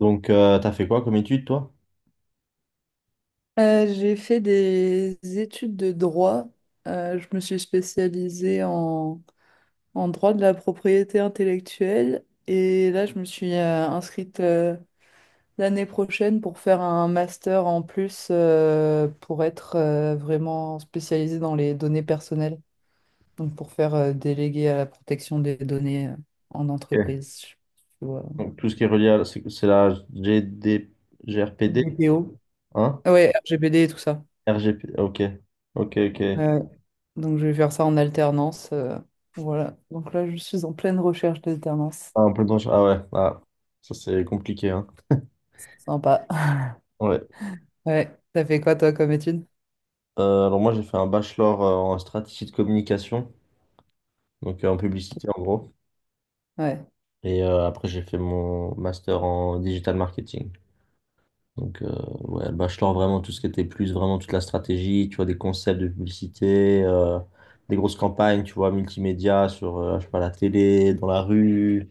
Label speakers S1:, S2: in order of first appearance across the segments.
S1: Donc, t'as fait quoi comme étude, toi?
S2: J'ai fait des études de droit. Je me suis spécialisée en droit de la propriété intellectuelle et là, je me suis inscrite l'année prochaine pour faire un master en plus pour être vraiment spécialisée dans les données personnelles, donc pour faire délégué à la protection des données en
S1: Ok.
S2: entreprise, tu vois,
S1: Donc, tout ce qui est relié à... c'est la GD... GRPD,
S2: DPO.
S1: hein?
S2: Ouais, RGPD et tout ça.
S1: RGP, ok. Ok, ok.
S2: Donc, je vais faire ça en alternance. Voilà. Donc là, je suis en pleine recherche d'alternance.
S1: Ah, en plein temps, ah ouais, ah, ça c'est compliqué, hein.
S2: Sympa.
S1: Ouais.
S2: Ouais. T'as fait quoi, toi, comme étude?
S1: Alors moi, j'ai fait un bachelor en stratégie de communication, donc en publicité en gros.
S2: Ouais.
S1: Et après, j'ai fait mon master en digital marketing. Donc, ouais, le bachelor, vraiment, tout ce qui était plus, vraiment toute la stratégie, tu vois, des concepts de publicité, des grosses campagnes, tu vois, multimédia sur, je sais pas, la télé, dans la rue,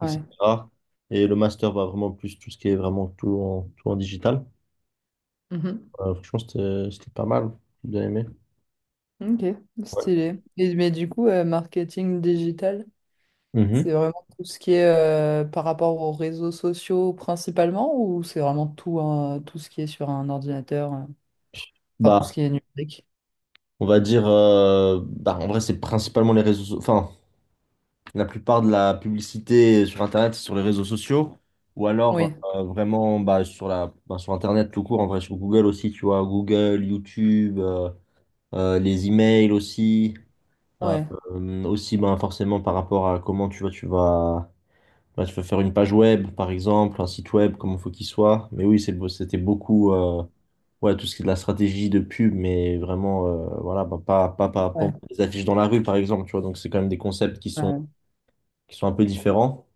S2: Ouais.
S1: etc. Et le master va vraiment plus tout ce qui est vraiment tout en digital.
S2: Mhm.
S1: Franchement, c'était pas mal. J'ai bien aimé.
S2: Ok.
S1: Ouais.
S2: Stylé. Et, mais du coup, marketing digital, c'est
S1: Mhm.
S2: vraiment tout ce qui est par rapport aux réseaux sociaux principalement ou c'est vraiment tout, hein, tout ce qui est sur un ordinateur, enfin tout ce
S1: Bah,
S2: qui est numérique?
S1: on va dire, bah, en vrai, c'est principalement les réseaux, enfin, la plupart de la publicité sur Internet, c'est sur les réseaux sociaux, ou alors
S2: Oui.
S1: vraiment bah, sur Internet tout court, en vrai, sur Google aussi, tu vois, Google, YouTube, les emails aussi, euh,
S2: Ouais.
S1: aussi bah, forcément par rapport à comment tu vois, tu vas, bah, tu vas faire une page web, par exemple, un site web, comment il faut qu'il soit. Mais oui, c'est, c'était beaucoup ouais, tout ce qui est de la stratégie de pub, mais vraiment, voilà, bah, pas
S2: Ouais.
S1: des affiches dans la rue, par exemple, tu vois, donc c'est quand même des concepts qui sont,
S2: Ouais.
S1: un peu différents.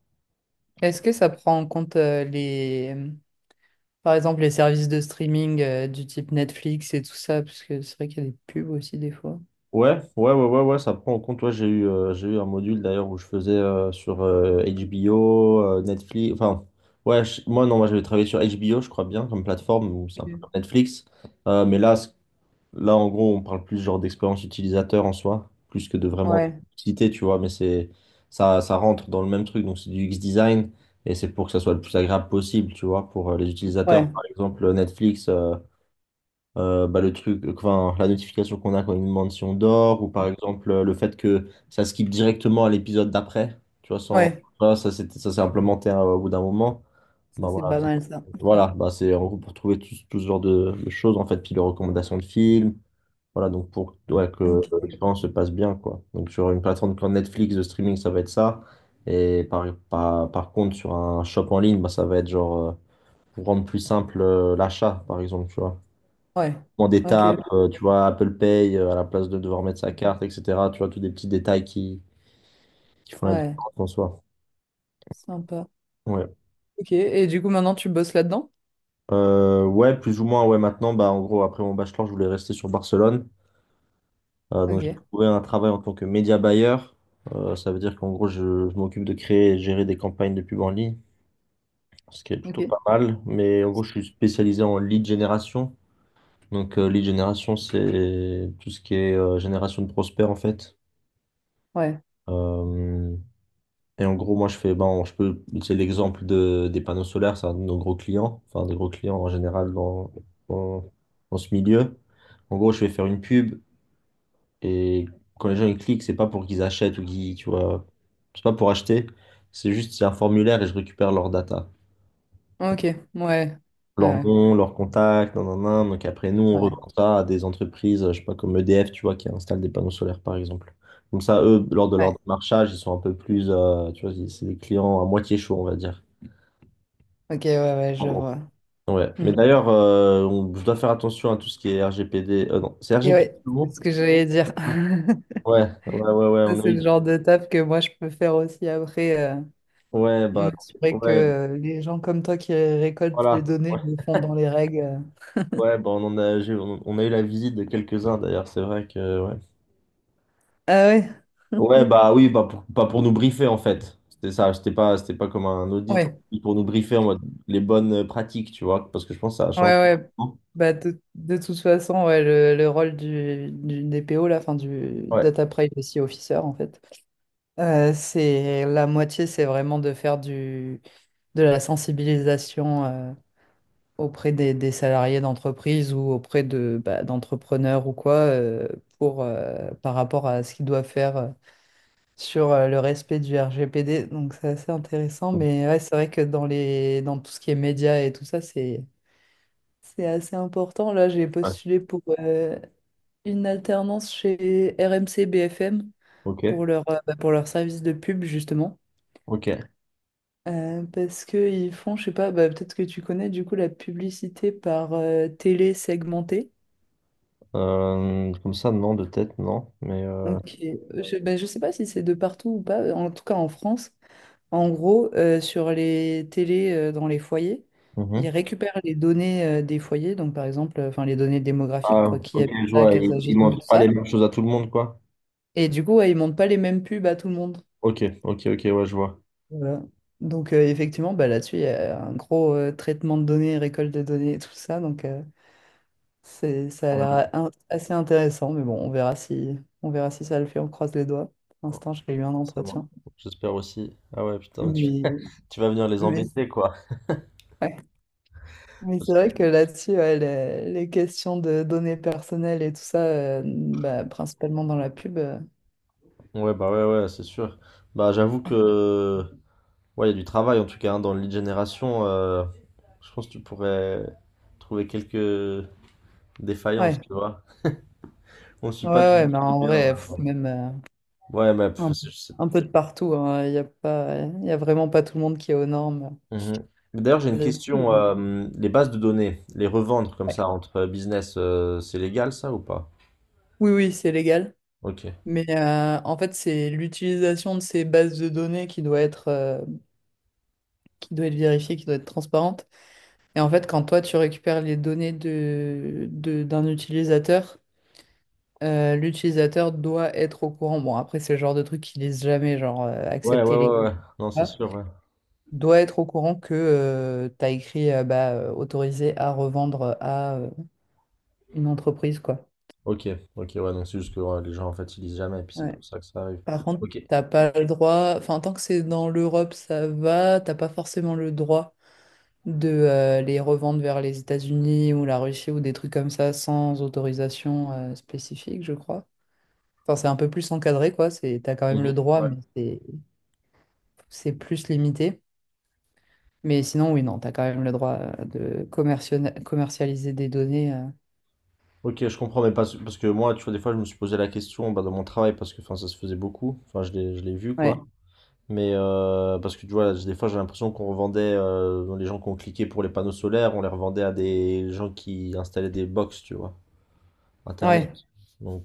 S2: Est-ce que ça prend en compte les, par exemple, les services de streaming du type Netflix et tout ça, parce que c'est vrai qu'il y a des pubs aussi des fois.
S1: Ouais, ouais, ouais, ouais, ouais, ça prend en compte. Ouais, j'ai eu un module d'ailleurs où je faisais sur HBO, Netflix. Enfin, ouais, moi non, moi j'avais travaillé sur HBO, je crois bien, comme plateforme, où c'est un peu comme
S2: Ok.
S1: Netflix. Mais là, là, en gros, on parle plus genre d'expérience utilisateur en soi, plus que de vraiment
S2: Ouais,
S1: citer, tu vois. Mais c'est ça, ça rentre dans le même truc. Donc c'est du UX design et c'est pour que ça soit le plus agréable possible, tu vois, pour les utilisateurs.
S2: ouais,
S1: Par exemple, Netflix. Bah, le truc, enfin, la notification qu'on a quand une mention d'or, ou par exemple le fait que ça skip directement à l'épisode d'après, tu vois, sans,
S2: ouais.
S1: voilà, ça s'est implémenté au bout d'un moment. Bah,
S2: Ça, c'est
S1: voilà,
S2: pas mal ça.
S1: c'est en gros pour trouver tout, tout ce genre de choses, en fait, puis les recommandations de films, voilà, donc pour ouais, que
S2: Ok.
S1: l'expérience se passe bien, quoi. Donc sur une plateforme comme Netflix de streaming, ça va être ça, et par contre sur un shop en ligne, bah, ça va être genre, pour rendre plus simple l'achat, par exemple, tu vois.
S2: Ouais,
S1: Comment des
S2: ok,
S1: tapes, tu vois, Apple Pay à la place de devoir mettre sa carte, etc. Tu vois, tous des petits détails qui font la
S2: ouais.
S1: différence en soi.
S2: Sympa.
S1: Ouais.
S2: Ok, et du coup, maintenant, tu bosses là-dedans?
S1: Ouais, plus ou moins, ouais, maintenant, bah, en gros, après mon bachelor, je voulais rester sur Barcelone. Donc, j'ai
S2: Ok,
S1: trouvé un travail en tant que média buyer. Ça veut dire qu'en gros, je m'occupe de créer et gérer des campagnes de pub en ligne, ce qui est plutôt
S2: ok.
S1: pas mal. Mais en gros, je suis spécialisé en lead génération. Donc, lead génération, c'est tout ce qui est génération de prospects, en fait.
S2: Ouais,
S1: Euh, Et en gros, moi, je fais, ben, je peux utiliser l'exemple de, des panneaux solaires, c'est un de nos gros clients, enfin, des gros clients en général dans, dans, dans ce milieu. En gros, je vais faire une pub et quand les gens ils cliquent, c'est pas pour qu'ils achètent ou qu'ils, tu vois, c'est pas pour acheter, c'est juste, c'est un formulaire et je récupère leur data,
S2: ok, ouais. Ouais,
S1: leur
S2: ouais.
S1: nom, leur contact, nan, nan, nan. Donc après, nous, on
S2: Ouais.
S1: revend ça à des entreprises, je sais pas, comme EDF, tu vois, qui installent des panneaux solaires, par exemple. Comme ça, eux, lors de leur
S2: Ouais.
S1: démarchage, ils sont un peu plus, tu vois, c'est des clients à moitié chauds, on va dire.
S2: Ok, ouais, ouais, je vois.
S1: Ouais. Mais
S2: Hmm.
S1: d'ailleurs, je dois faire attention à tout ce qui est RGPD. Non, c'est
S2: Et
S1: RGPD
S2: ouais,
S1: le
S2: c'est
S1: mot?
S2: ce que j'allais dire.
S1: Ouais, ouais, ouais, ouais,
S2: Ça,
S1: on a
S2: c'est le
S1: eu.
S2: genre de taf que moi, je peux faire aussi après.
S1: Ouais, bah,
S2: Mais c'est vrai que
S1: ouais,
S2: les gens comme toi qui récoltent les
S1: voilà.
S2: données
S1: Ouais,
S2: le font dans les règles.
S1: ouais, bah, on en a, on a eu la visite de quelques-uns d'ailleurs, c'est vrai que. Ouais,
S2: Ah ouais,
S1: ouais bah oui, bah, pas pour nous briefer en fait. C'était ça, c'était pas comme un audit,
S2: ouais,
S1: c'était pour nous briefer en mode les bonnes pratiques, tu vois, parce que je pense que ça a
S2: ouais,
S1: changé.
S2: ouais. Bah, de toute façon, ouais, le rôle du DPO, là, enfin, du
S1: Ouais,
S2: Data Privacy Officer, en fait, c'est la moitié, c'est vraiment de faire du, de la sensibilisation auprès des salariés d'entreprise ou auprès de, bah, d'entrepreneurs ou quoi, pour, par rapport à ce qu'ils doivent faire. Sur le respect du RGPD, donc c'est assez intéressant. Mais ouais, c'est vrai que dans les, dans tout ce qui est médias et tout ça, c'est assez important. Là, j'ai
S1: ouais,
S2: postulé pour une alternance chez RMC BFM
S1: ok,
S2: pour leur, bah, pour leur service de pub, justement.
S1: ok.
S2: Parce qu'ils font, je sais pas, bah, peut-être que tu connais du coup la publicité par télé segmentée.
S1: Comme ça, non, de tête, non, mais.
S2: Donc, et- je, bah, je sais pas si c'est de partout ou pas, en tout cas en France. En gros, sur les télés dans les foyers, ils
S1: Mhm.
S2: récupèrent les données des foyers, donc par exemple, enfin les données démographiques,
S1: Ah,
S2: quoi, qui
S1: ok,
S2: habite
S1: je
S2: là,
S1: vois.
S2: quels
S1: Il,
S2: âges
S1: il
S2: ils ont et
S1: montre
S2: tout
S1: pas
S2: ça.
S1: les mêmes choses à tout le monde, quoi.
S2: Et du coup, ouais, ils montent pas les mêmes pubs à tout le monde.
S1: Ok, ok, ok, ouais, je vois.
S2: Voilà. Donc effectivement, bah, là-dessus, il y a un gros traitement de données, récolte de données et tout ça. Donc c'est, ça a
S1: Ah,
S2: l'air in- assez intéressant, mais bon, on verra si ça le fait, on croise les doigts. Pour l'instant, j'ai eu un
S1: ça marche.
S2: entretien.
S1: J'espère aussi. Ah ouais, putain,
S2: Mais,
S1: tu vas venir les
S2: mais...
S1: embêter, quoi.
S2: ouais. Mais c'est
S1: Parce que-
S2: vrai que là-dessus, ouais, les questions de données personnelles et tout ça, bah, principalement dans la pub,
S1: Ouais, bah ouais, ouais, c'est sûr. Bah, j'avoue que. Ouais, il y a du travail, en tout cas, hein, dans le lead génération. Je pense que tu pourrais trouver quelques défaillances,
S2: ouais.
S1: tu vois. On ne suit
S2: Ouais,
S1: pas tout le
S2: ouais,
S1: monde
S2: mais
S1: tout
S2: en
S1: bien.
S2: vrai,
S1: hein.
S2: pff, même
S1: Ouais, mais pff,
S2: un, un peu de partout, hein, il y a pas, il y a vraiment pas tout le monde qui est aux normes.
S1: Mhm. D'ailleurs, j'ai une question.
S2: Là-dessus.
S1: Les bases de données, les revendre comme ça
S2: Ouais.
S1: entre business, c'est légal ça ou pas?
S2: Oui, oui, c'est légal.
S1: Ok.
S2: Mais en fait, c'est l'utilisation de ces bases de données qui doit être vérifiée, qui doit être transparente. Et en fait, quand toi, tu récupères les données de- d'un utilisateur, l'utilisateur doit être au courant. Bon, après, c'est le genre de truc qu'ils lisent jamais, genre
S1: Ouais, ouais,
S2: accepter les
S1: ouais, ouais. Non, c'est
S2: contrats.
S1: sûr, ouais.
S2: Doit être au courant que tu as écrit bah, autorisé à revendre à une entreprise, quoi.
S1: Ok, ok, ouais. Donc c'est juste que ouais, les gens en fait ils lisent jamais, et puis c'est
S2: Ouais.
S1: pour ça que ça arrive.
S2: Par contre,
S1: Ok.
S2: t'as pas le droit. Enfin, tant que c'est dans l'Europe, ça va. T'as pas forcément le droit de les revendre vers les États-Unis ou la Russie ou des trucs comme ça sans autorisation spécifique, je crois. Enfin, c'est un peu plus encadré, quoi. C'est, t'as quand même le
S1: Mhm.
S2: droit,
S1: Ouais.
S2: mais c'est plus limité. Mais sinon, oui, non, tu as quand même le droit de commerciona- commercialiser des données.
S1: Ok, je comprends, mais parce que moi, tu vois, des fois, je me suis posé la question bah, dans mon travail parce que enfin, ça se faisait beaucoup. Enfin, je l'ai vu quoi.
S2: Ouais,
S1: Mais parce que tu vois, des fois, j'ai l'impression qu'on revendait les gens qui ont cliqué pour les panneaux solaires, on les revendait à des gens qui installaient des box, tu vois. Internet.
S2: ouais,
S1: Donc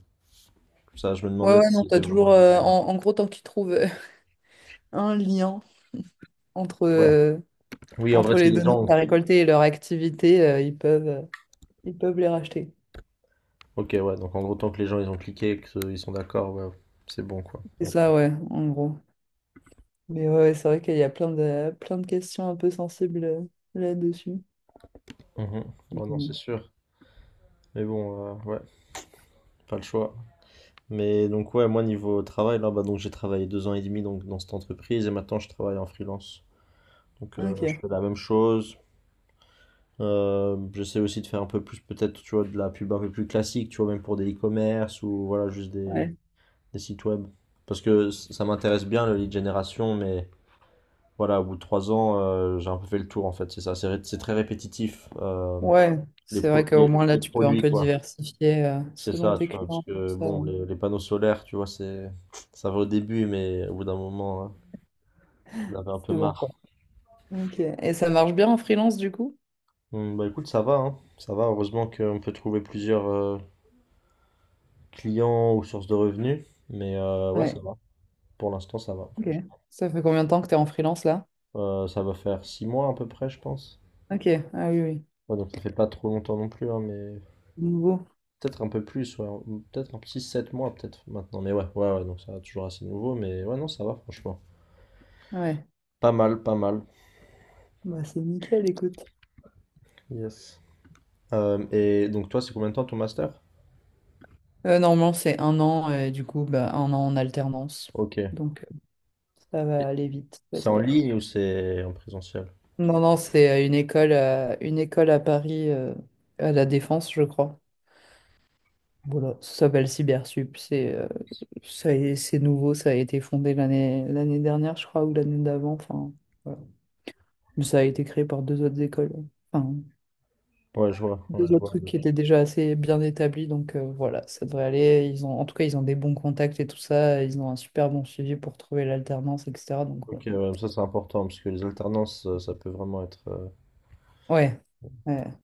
S1: ça, je me
S2: ouais,
S1: demandais
S2: ouais, non,
S1: si
S2: t'as
S1: c'était vraiment
S2: toujours,
S1: lui.
S2: en, en gros, tant qu'ils trouvent un lien entre,
S1: Ouais. Oui, en vrai,
S2: entre
S1: si
S2: les
S1: les
S2: données que
S1: gens...
S2: tu as récoltées et leur activité, ils peuvent les racheter.
S1: Ok, ouais, donc en gros, tant que les gens, ils ont cliqué et qu'ils sont d'accord, ouais, c'est bon, quoi.
S2: C'est
S1: Ouais,
S2: ça, ouais, en gros. Mais ouais, ouais, c'est vrai qu'il y a plein de questions un peu sensibles là-dessus.
S1: Mhm.
S2: Donc,
S1: Ouais, non, c'est sûr. Mais bon, ouais, pas le choix. Mais donc, ouais, moi, niveau travail, là, bah, donc j'ai travaillé 2 ans et demi donc, dans cette entreprise et maintenant, je travaille en freelance. Donc,
S2: ok,
S1: je fais la même chose. J'essaie aussi de faire un peu plus, peut-être, tu vois, de la pub un peu plus classique, tu vois, même pour des e-commerce ou, voilà, juste des
S2: ouais.
S1: des sites web. Parce que ça m'intéresse bien le lead generation, mais voilà, au bout de 3 ans, j'ai un peu fait le tour en fait, c'est ça. C'est très répétitif,
S2: Ouais, c'est vrai qu'au moins là,
S1: les
S2: tu peux un
S1: produits
S2: peu
S1: quoi.
S2: diversifier
S1: C'est
S2: selon
S1: ça,
S2: tes
S1: tu vois, parce
S2: clients.
S1: que
S2: Ça,
S1: bon, les panneaux solaires, tu vois, c'est ça va au début, mais au bout d'un moment, hein, j'en avais un peu
S2: c'est bon, quoi.
S1: marre.
S2: Ok. Et ça marche bien en freelance du coup?
S1: Bah écoute, ça va, hein. Ça va, heureusement qu'on peut trouver plusieurs clients ou sources de revenus, mais ouais, ça
S2: Ouais.
S1: va. Pour l'instant, ça va.
S2: Ok. Ça fait combien de temps que tu es en freelance là?
S1: Ça va faire 6 mois à peu près, je pense.
S2: Ok. Ah oui, oui.
S1: Ouais, donc ça fait pas trop longtemps non plus, hein, mais
S2: Nouveau.
S1: peut-être un peu plus, ouais, ou peut-être un petit 7 mois peut-être maintenant, mais ouais, ouais, ouais, donc ça va toujours assez nouveau, mais ouais, non, ça va franchement.
S2: Ouais.
S1: Pas mal, pas mal.
S2: Bah, c'est nickel, écoute.
S1: Yes. Et donc toi, c'est combien de temps ton master?
S2: Normalement, c'est un an et du coup, bah, un an en alternance.
S1: Ok. Et
S2: Donc, ça va aller vite,
S1: c'est en
S2: j'espère.
S1: ligne ou c'est en présentiel?
S2: Non, non, c'est une école à Paris, à la Défense, je crois. Voilà, ça s'appelle Cybersup. C'est ça, a- c'est nouveau, ça a été fondé l'année dernière, je crois, ou l'année d'avant. Enfin, voilà. Mais ça a été créé par deux autres écoles. Enfin,
S1: Ouais, je vois, ouais,
S2: deux
S1: je
S2: autres
S1: vois.
S2: trucs qui étaient déjà assez bien établis. Donc voilà, ça devrait aller. Ils ont, en tout cas, ils ont des bons contacts et tout ça. Ils ont un super bon suivi pour trouver l'alternance, etc. Donc ouais.
S1: Ok, ouais, ça c'est important, parce que les alternances, ça peut vraiment être...
S2: Ouais. Ouais.